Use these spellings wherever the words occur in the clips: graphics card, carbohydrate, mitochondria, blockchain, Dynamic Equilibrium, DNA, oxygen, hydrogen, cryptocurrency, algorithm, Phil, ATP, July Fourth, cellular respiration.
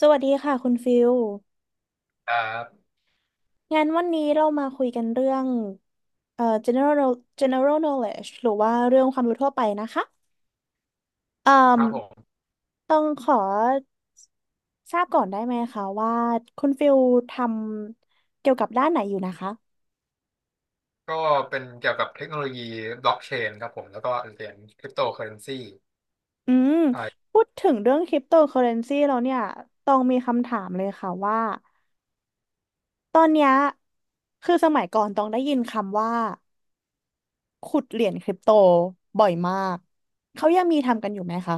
สวัสดีค่ะคุณฟิลอ่างานวันนี้เรามาคุยกันเรื่องgeneral general knowledge หรือว่าเรื่องความรู้ทั่วไปนะคะเอ่อครับผมต้องขอทราบก่อนได้ไหมคะว่าคุณฟิลทำเกี่ยวกับด้านไหนอยู่นะคะก็เป็นเกี่ยวกับเทคโนโลยีบล็อกเชนครับผม แล้วก็เหรียญคริปโตเคอเรนซีอืมอ่าพูดถึงเรื่องคริปโตเคอเรนซีแล้วเนี่ยต้องมีคำถามเลยค่ะว่าตอนเนี้ยคือสมัยก่อนต้องได้ยินคำว่าขุดเหรียญคริปโตบ่อยมากเขายังมีทำกันอยู่ไหมคะ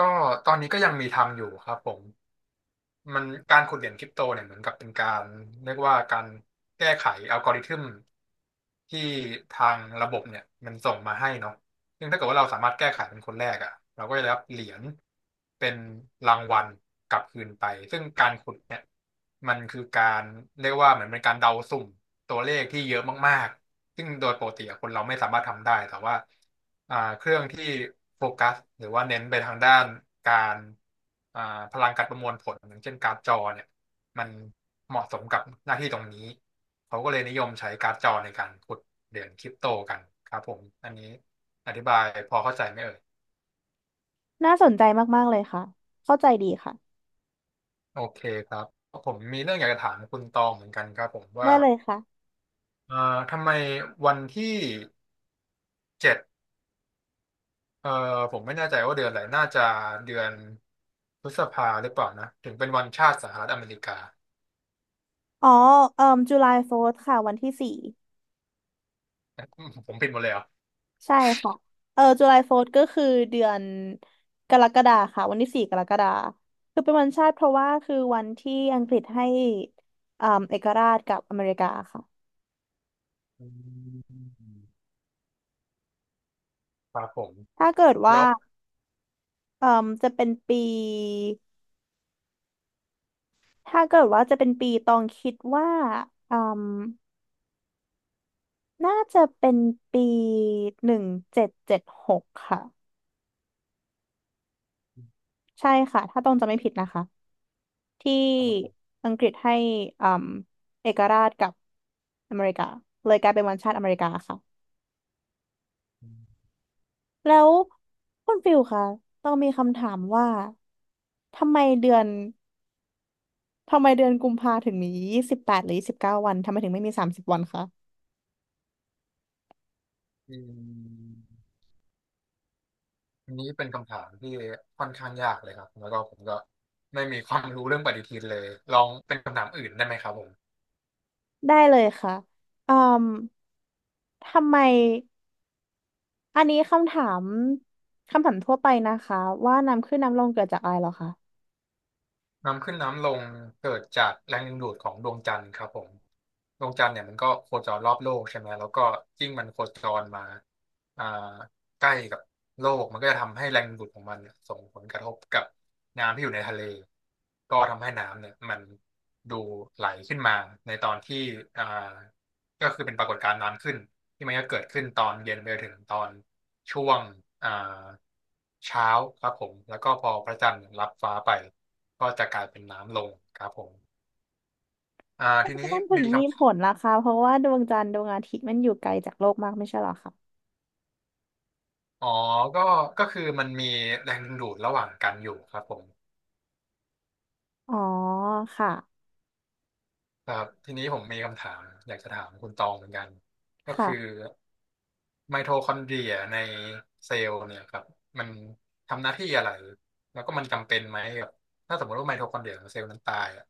ก็ตอนนี้ก็ยังมีทำอยู่ครับผม มันการขุดเหรียญคริปโตเนี่ยเหมือนกับเป็นการเรียกว่าการแก้ไขอัลกอริทึมที่ทางระบบเนี่ยมันส่งมาให้เนาะซึ่งถ้าเกิดว่าเราสามารถแก้ไขเป็นคนแรกอ่ะเราก็จะได้รับเหรียญเป็นรางวัลกลับคืนไป ซึ่งการขุดเนี่ยมันคือการเรียกว่าเหมือนเป็นการเดาสุ่มตัวเลขที่เยอะมากๆ ซึ่งโดยปกติอะคนเราไม่สามารถทำได้แต่ว่า เครื่องที่โฟกัสหรือว่าเน้นไปทางด้านการอ่าพลังการประมวลผลอย่างเช่นการ์ดจอเนี่ยมันเหมาะสมกับหน้าที่ตรงนี้เขาก็เลยนิยมใช้การ์ดจอในการขุดเหรียญคริปโตกันครับผมอันนี้อธิบายพอเข้าใจไหมเอ่ยน่าสนใจมากๆเลยค่ะ เข้าใจดีค่ะ โอเคครับผมมีเรื่องอยากจะถามคุณตองเหมือนกันครับผมได้ว่าเลยค่ะเอ่อทำไมวันที่เจ็ดเอ่อผมไม่แน่ใจว่าเดือนอะไรน่าจะเดือนพฤษภาหรือเปล่านะถึงเป็นวันชาติสหรัฐอเมริกา อ๋อจุลายโฟร์ค่ะวันที่สี่อืมผมผิดหมดเลยเหรอใช่ค่ะเออจุลายโฟร์ก็คือเดือนกรกฎาค่ะวันที่สี่กรกฎาคือเป็นวันชาติเพราะว่าคือวันที่อังกฤษให้เอกราชกับอเมริกาค่ะอืมครับผม ถ้าเกิดว่าแล้วเอ่อจะเป็นปีถ้าเกิดว่าจะเป็นปีตองคิดว่าเอ่อน่าจะเป็นปีหนึ่งเจ็ดเจ็ดหกค่ะ ใช่ค่ะถ้าต้องจะไม่ผิดนะคะที่ครับผมอังกฤษให้อืมเอกราชกับอเมริกาเลยกลายเป็นวันชาติอเมริกาค่ะอืมแล้วคุณฟิลค่ะต้องมีคำถามว่าทำไมเดือนทำไมเดือนกุมภาถึงมียี่สิบแปดหรือยี่สิบเก้าวันทำไมถึงไม่มีสามสิบวันคะอันนี้เป็นคำถามที่ค่อนข้างยากเลยครับ แล้วก็ผมก็ไม่มีความรู้เรื่องปฏิทินเลย ลองเป็นคำถามอื่นได้ไหมครับผม ได้เลยค่ะอืมทำไมอันนี้คำถามทั่วไปนะคะว่าน้ำขึ้นน้ำลงเกิดจากอะไรเหรอคะ น้ำขึ้นน้ำลงเกิดจากแรงดึงดูดของดวงจันทร์ครับผมดวงจันทร์เนี่ยมันก็โคจรรอบโลกใช่ไหมแล้วก็ยิ่งมันโคจรมาอ่าใกล้กับโลกมันก็จะทำให้แรงดึงดูดของมันเนี่ยส่งผลกระทบกับน้ำที่อยู่ในทะเลก็ทำให้น้ำเนี่ยมันดูไหลขึ้นมาในตอนที่อ่าก็คือเป็นปรากฏการณ์น้ำขึ้นที่มันก็เกิดขึ้นตอนเย็นไปจนถึงตอน ช่วงอ่าเช้าครับผมแล้วก็พอพระจันทร์รับฟ้าไปก็จะกลายเป็นน้ำลงครับผมมัทีนี้นถึมีงมีคำผถามลล่ะคะเพราะว่าดวงจันทร์ดวงอาทิตย์มันอยู่ไกลจากโลกมากไม่ใช่เหรอคะอ๋อก็ก็คือมันมีแรงดึงดูดระหว่างกันอยู่ครับผมอ๋อ ค่ะ ครับทีนี้ผมมีคำถามอยากจะถามคุณตองเหมือนกันก็คือค่ะไมโทคอนเดรียในเซลล์เนี่ยครับมันทำหน้าที่อะไรแล้วก็มันจำเป็นไหมกับถ้าสมมติว่าไมโทคอนเดรียของเซลล์นั้นตายอะ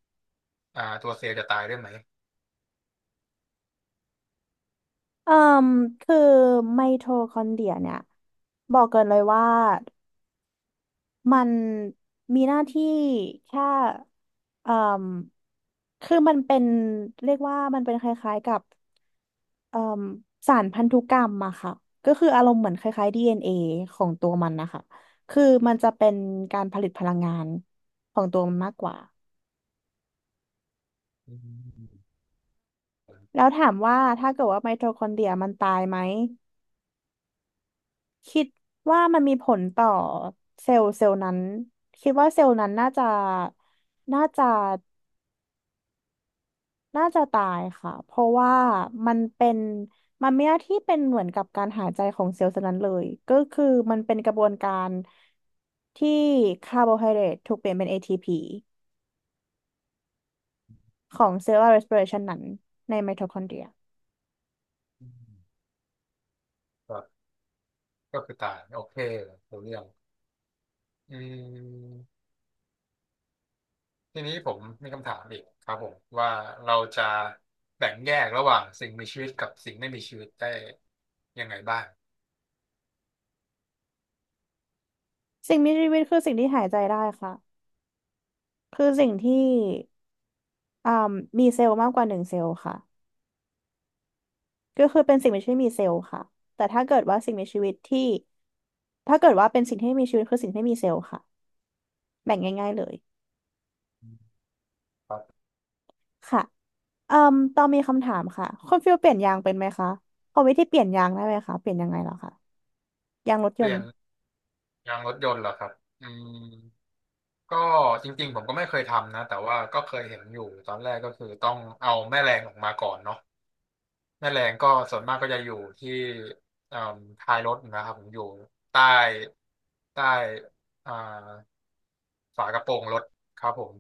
ตัวเซลล์จะตายด้วยไหมเอ่มคือไมโทคอนเดรียเนี่ยบอกเกินเลยว่ามันมีหน้าที่แค่เอ่มคือมันเป็นเรียกว่ามันเป็นคล้ายๆกับเอ่มสารพันธุกรรมอะค่ะก็คืออารมณ์เหมือนคล้ายๆ DNA ของตัวมันนะคะคือมันจะเป็นการผลิตพลังงานของตัวมันมากกว่า อืม แล้วถามว่าถ้าเกิดว่าไมโทคอนเดรียมันตายไหมคิดว่ามันมีผลต่อเซลล์เซลล์นั้นคิดว่าเซลล์นั้นน่าจะน่าจะตายค่ะเพราะว่ามันเป็นมันไม่ได้ที่เป็นเหมือนกับการหายใจของเซลล์เซลล์นั้นเลยก็คือมันเป็นกระบวนการที่คาร์โบไฮเดรตถูกเปลี่ยนเป็น ATP ของ cellular respiration นั้นในไมโทคอนเดรียอืมครับก็คือตายโอเครู้เรื่องอืมทีนี้ผมมีคำถามอีกครับผมว่าเราจะแบ่งแยกระหว่างสิ่งมีชีวิตกับสิ่งไม่มีชีวิตได้ยังไงบ้างสิ่งมีชีวิตคือสิ่งที่หายใจได้ค่ะคือสิ่งที่ อ่ามีเซลล์มากกว่าหนึ่งเซลล์ค่ะก็คือเป็นสิ่งมีชีวิต่มีเซลล์ค่ะแต่ถ้าเกิดว่าสิ่งมีชีวิตที่ถ้าเกิดว่าเป็นสิ่งที่มีชีวิตคือสิ่งที่มีเซลล์ค่ะแบ่งง่ายๆเลยอืมค่ะเอืมตอนมีคำถามค่ะคุณฟิลเปลี่ยนยางเป็นไหมคะพอวิธีเปลี่ยนยางได้ไหมคะเปลี่ยนยังไงเหรอคะยางรถยเปนลี่ยต์นยางรถยนต์เหรอครับอืมก็จริงๆผมก็ไม่เคยทำนะแต่ว่าก็เคยเห็นอยู่ตอนแรกก็คือต้องเอาแม่แรงออกมาก่อนเนาะแม่แรงก็ส่วนมากก็จะอยู่ที่เอ่มท้ายรถนะครับผมอยู่ใต้ใต้อ่า ฝากระโปรงรถครับผม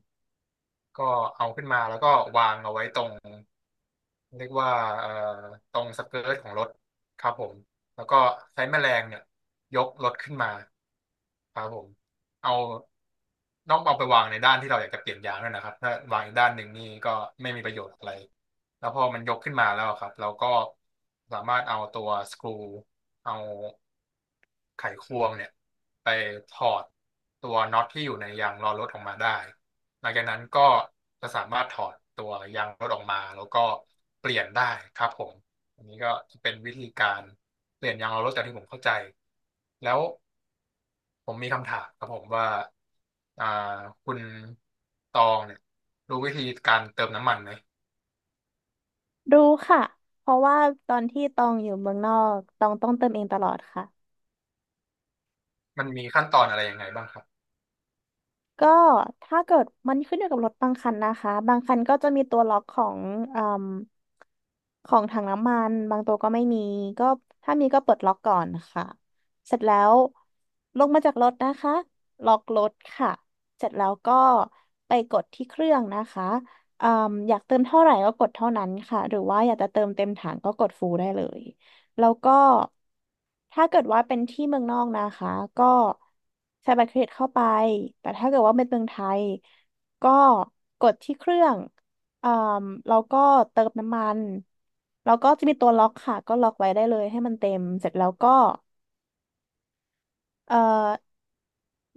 ก็เอาขึ้นมาแล้วก็วางเอาไว้ตรงเรียกว่าเอ่อตรงสเกิร์ตของรถครับผมแล้วก็ใช้แมแรงเนี่ยยกรถขึ้นมาครับผมเอาต้องเอาไปวางในด้านที่เราอยากจะเปลี่ยนยางด้วยนะครับถ้าวางอีกด้านหนึ่งนี่ก็ไม่มีประโยชน์อะไรแล้วพอมันยกขึ้นมาแล้วครับเราก็สามารถเอาตัวสกรูเอาไขควงเนี่ยไปถอดตัวน็อตที่อยู่ในยางล้อรถออกมาได้ หลังจากนั้นก็จะสามารถถอดตัวยางรถออกมาแล้วก็เปลี่ยนได้ครับผมอันนี้ก็จะเป็นวิธีการเปลี่ยนยางรถจากที่ผมเข้าใจแล้วผมมีคำถามครับผมว่าอ่าคุณตองเนี่ยรู้วิธีการเติมน้ำมันไหมรู้ค่ะเพราะว่าตอนที่ตองอยู่เมืองนอกตองต้องเติมเองตลอดค่ะ มันมีขั้นตอนอะไรยังไงบ้างครับก็ถ้าเกิดมันขึ้นอยู่กับรถบางคันนะคะบางคันก็จะมีตัวล็อกของเอืมของถังน้ำมันบางตัวก็ไม่มีก็ถ้ามีก็เปิดล็อกก่อนค่ะเสร็จแล้วลงมาจากรถนะคะล็อกรถค่ะเสร็จแล้วก็ไปกดที่เครื่องนะคะเอมอยากเติมเท่าไหร่ก็กดเท่านั้นค่ะหรือว่าอยากจะเติมเต็มถังก็กดฟูลได้เลย แล้วก็ถ้าเกิดว่าเป็นที่เมืองนอกนะคะก็ใช้บัตรเครดิตเข้าไปแต่ถ้าเกิดว่าเป็นเมืองไทยก็กดที่เครื่องเอ่มแล้วก็เติมน้ำมันแล้วก็จะมีตัวล็อกค่ะก็ล็อกไว้ได้เลยให้มันเต็มเสร็จแล้วก็เอ่อ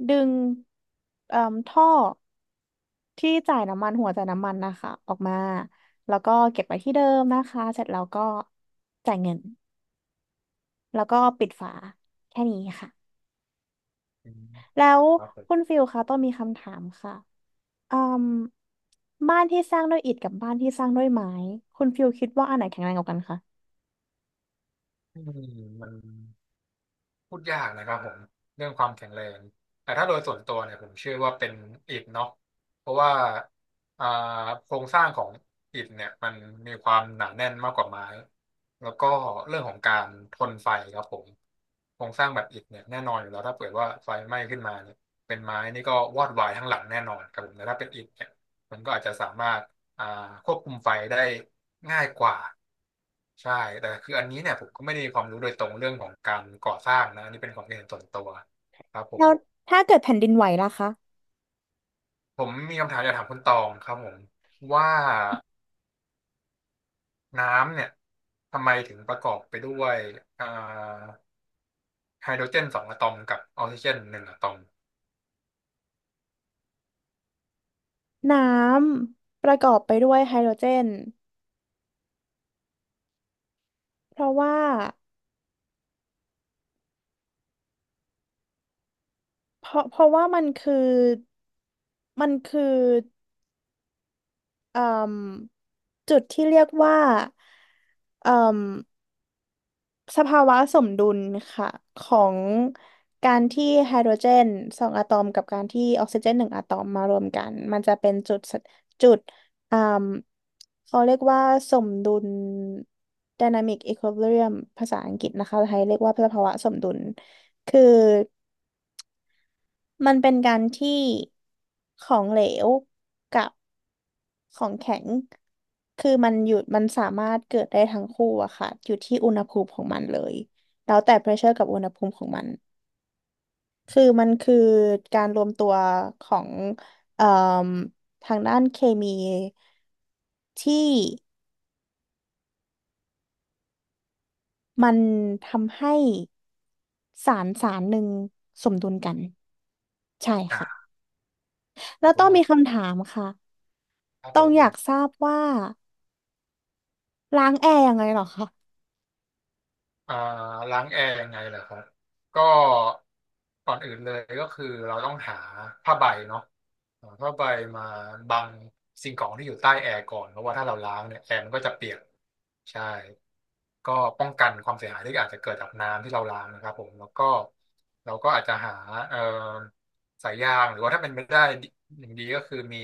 ดึงเอ่มท่อที่จ่ายน้ำมันหัวจ่ายน้ำมันนะคะออกมาแล้วก็เก็บไว้ที่เดิมนะคะเสร็จแล้วก็จ่ายเงินแล้วก็ปิดฝาแค่นี้ค่ะ อืมแล้วครับผคุณมฟิลคะต้องมีคำถามค่ะอืมบ้านที่สร้างด้วยอิฐกับบ้านที่สร้างด้วยไม้คุณฟิลคิดว่าอันไหนแข็งแรงกว่ากันคะอืมมัน พูดยากนะครับผมเรื่องความแข็งแรงแต่ถ้าโดยส่วนตัวเนี่ยผมเชื่อว่าเป็นอิฐเนาะเพราะว่าอ่าโครงสร้างของอิฐเนี่ยมันมีความหนาแน่นมากกว่าไม้แล้วก็เรื่องของการทนไฟครับผมโครงสร้างแบบอิฐเนี่ยแน่นอนอยู่แล้วถ้าเกิดว่าไฟไหม้ขึ้นมาเนี่ยเป็นไม้นี่ก็วอดวายทั้งหลังแน่นอนครับผมแต่ถ้าเป็นอิฐเนี่ยมันก็อาจจะสามารถ อ่าควบคุมไฟได้ง่ายกว่าใช่แต่คืออันนี้เนี่ยผมก็ไม่ได้มีความรู้โดยตรงเรื่องของการก่อสร้างนะอันนี่เป็นความคิดเห็นส่วนตัวครับผมแล้วถ้าเกิดแผ่นดินไหวล่ะคะผมมีคำถามอยากถามคุณตองครับผมว่าน้ำเนี่ยทำไมถึงประกอบไปด้วยอ่าไฮโดรเจนสองอะตอมกับออกซิเจนหนึ่งอะตอมน้ำประกอบไปด้วยไฮโดรเจนเพราะว่าเพราะว่ามันคือมันคือ เอ่มจุดที่เรียกว่าเอ่มสภาวะสมดุลค่ะของการที่ไฮโดรเจนสองอะตอมกับการที่ออกซิเจนหนึ่งอะตอมมารวมกันมันจะเป็นจุดเอ่มเขาเรียกว่าสมดุล Dynamic Equilibrium ภาษาอังกฤษนะคะไทยเรียกว่าสภาวะสมดุลคือมันเป็นการที่ของเหลวกับของแข็ง คือมันอยู่มันสามารถเกิดได้ทั้งคู่อะค่ะอยู่ที่อุณหภูมิของมันเลยแล้วแต่ pressure กับอุณหภูมิของมันคือมันคือการรวมตัวของเอ่อทางด้านเคมีที่มันทำให้สารหนึ่งสมดุลกันใช่อ่ค่ะาขแล้อวบคุต้อณงมามีกคำถามค่ะครับต้ผองม อยากทราบว่าล้างแอร์ยังไงเหรอคะอ่าล้างแอร์ยังไงเหรอครับก็ก่อนอื่นเลยก็คือเราต้องหาผ้าใบเนาะหาผ้าใบมาบังสิ่งของที่อยู่ใต้แอร์ก่อนเพราะว่าถ้าเราล้างเนี่ยแอร์มันก็จะเปียกใช่ก็ป้องกันความเสียหายที่อาจจะเกิดจากน้ำที่เราล้างนะครับผมแล้วก็เราก็อาจจะหาเอ่อสายยางหรือว่าถ้าเป็นไม่ได้อย่างดีก็คือมี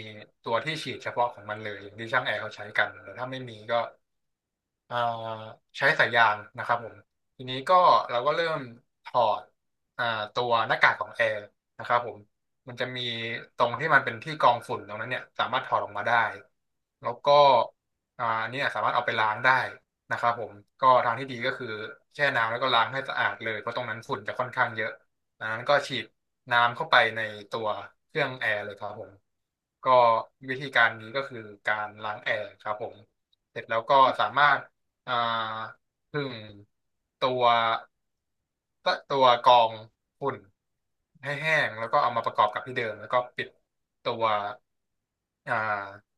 ตัวที่ฉีดเฉพาะของมันเลยอย่างที่ช่างแอร์เขาใช้กันแต่ถ้าไม่มีก็ อ่าใช้สายยางนะครับผมทีนี้ก็เราก็เริ่มถอดอ่าตัวหน้ากากของแอร์นะครับผมมันจะมีตรงที่มันเป็นที่กรองฝุ่นตรงนั้นเนี่ยสามารถถอดออกมาได้แล้วก็อันนี้สามารถเอาไปล้างได้นะครับผมก็ทางที่ดีก็คือแช่น้ำแล้วก็ล้างให้สะอาดเลยเพราะตรงนั้นฝุ่นจะค่อนข้างเยอะดังนั้นก็ฉีดน้ำเข้าไปในตัวเครื่องแอร์เลยครับผมก็วิธีการนี้ก็คือการล้างแอร์ครับผมเสร็จแล้วก็สามารถ อ่าผึ่งตัวตัวกรองฝุ่นให้แห้งแล้วก็เอามาประกอบกับที่เดิมแล้วก็ปิดตัวอ่า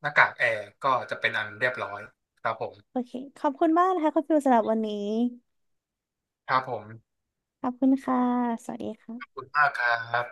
หน้ากากแอร์ก็จะเป็นอันเรียบร้อยครับผมโอเคขอบคุณมากนะคะคุณฟิวสำหรับวันนี้ครับผมขอบคุณค่ะสวัสดีขอบค่ะคุณมากครับ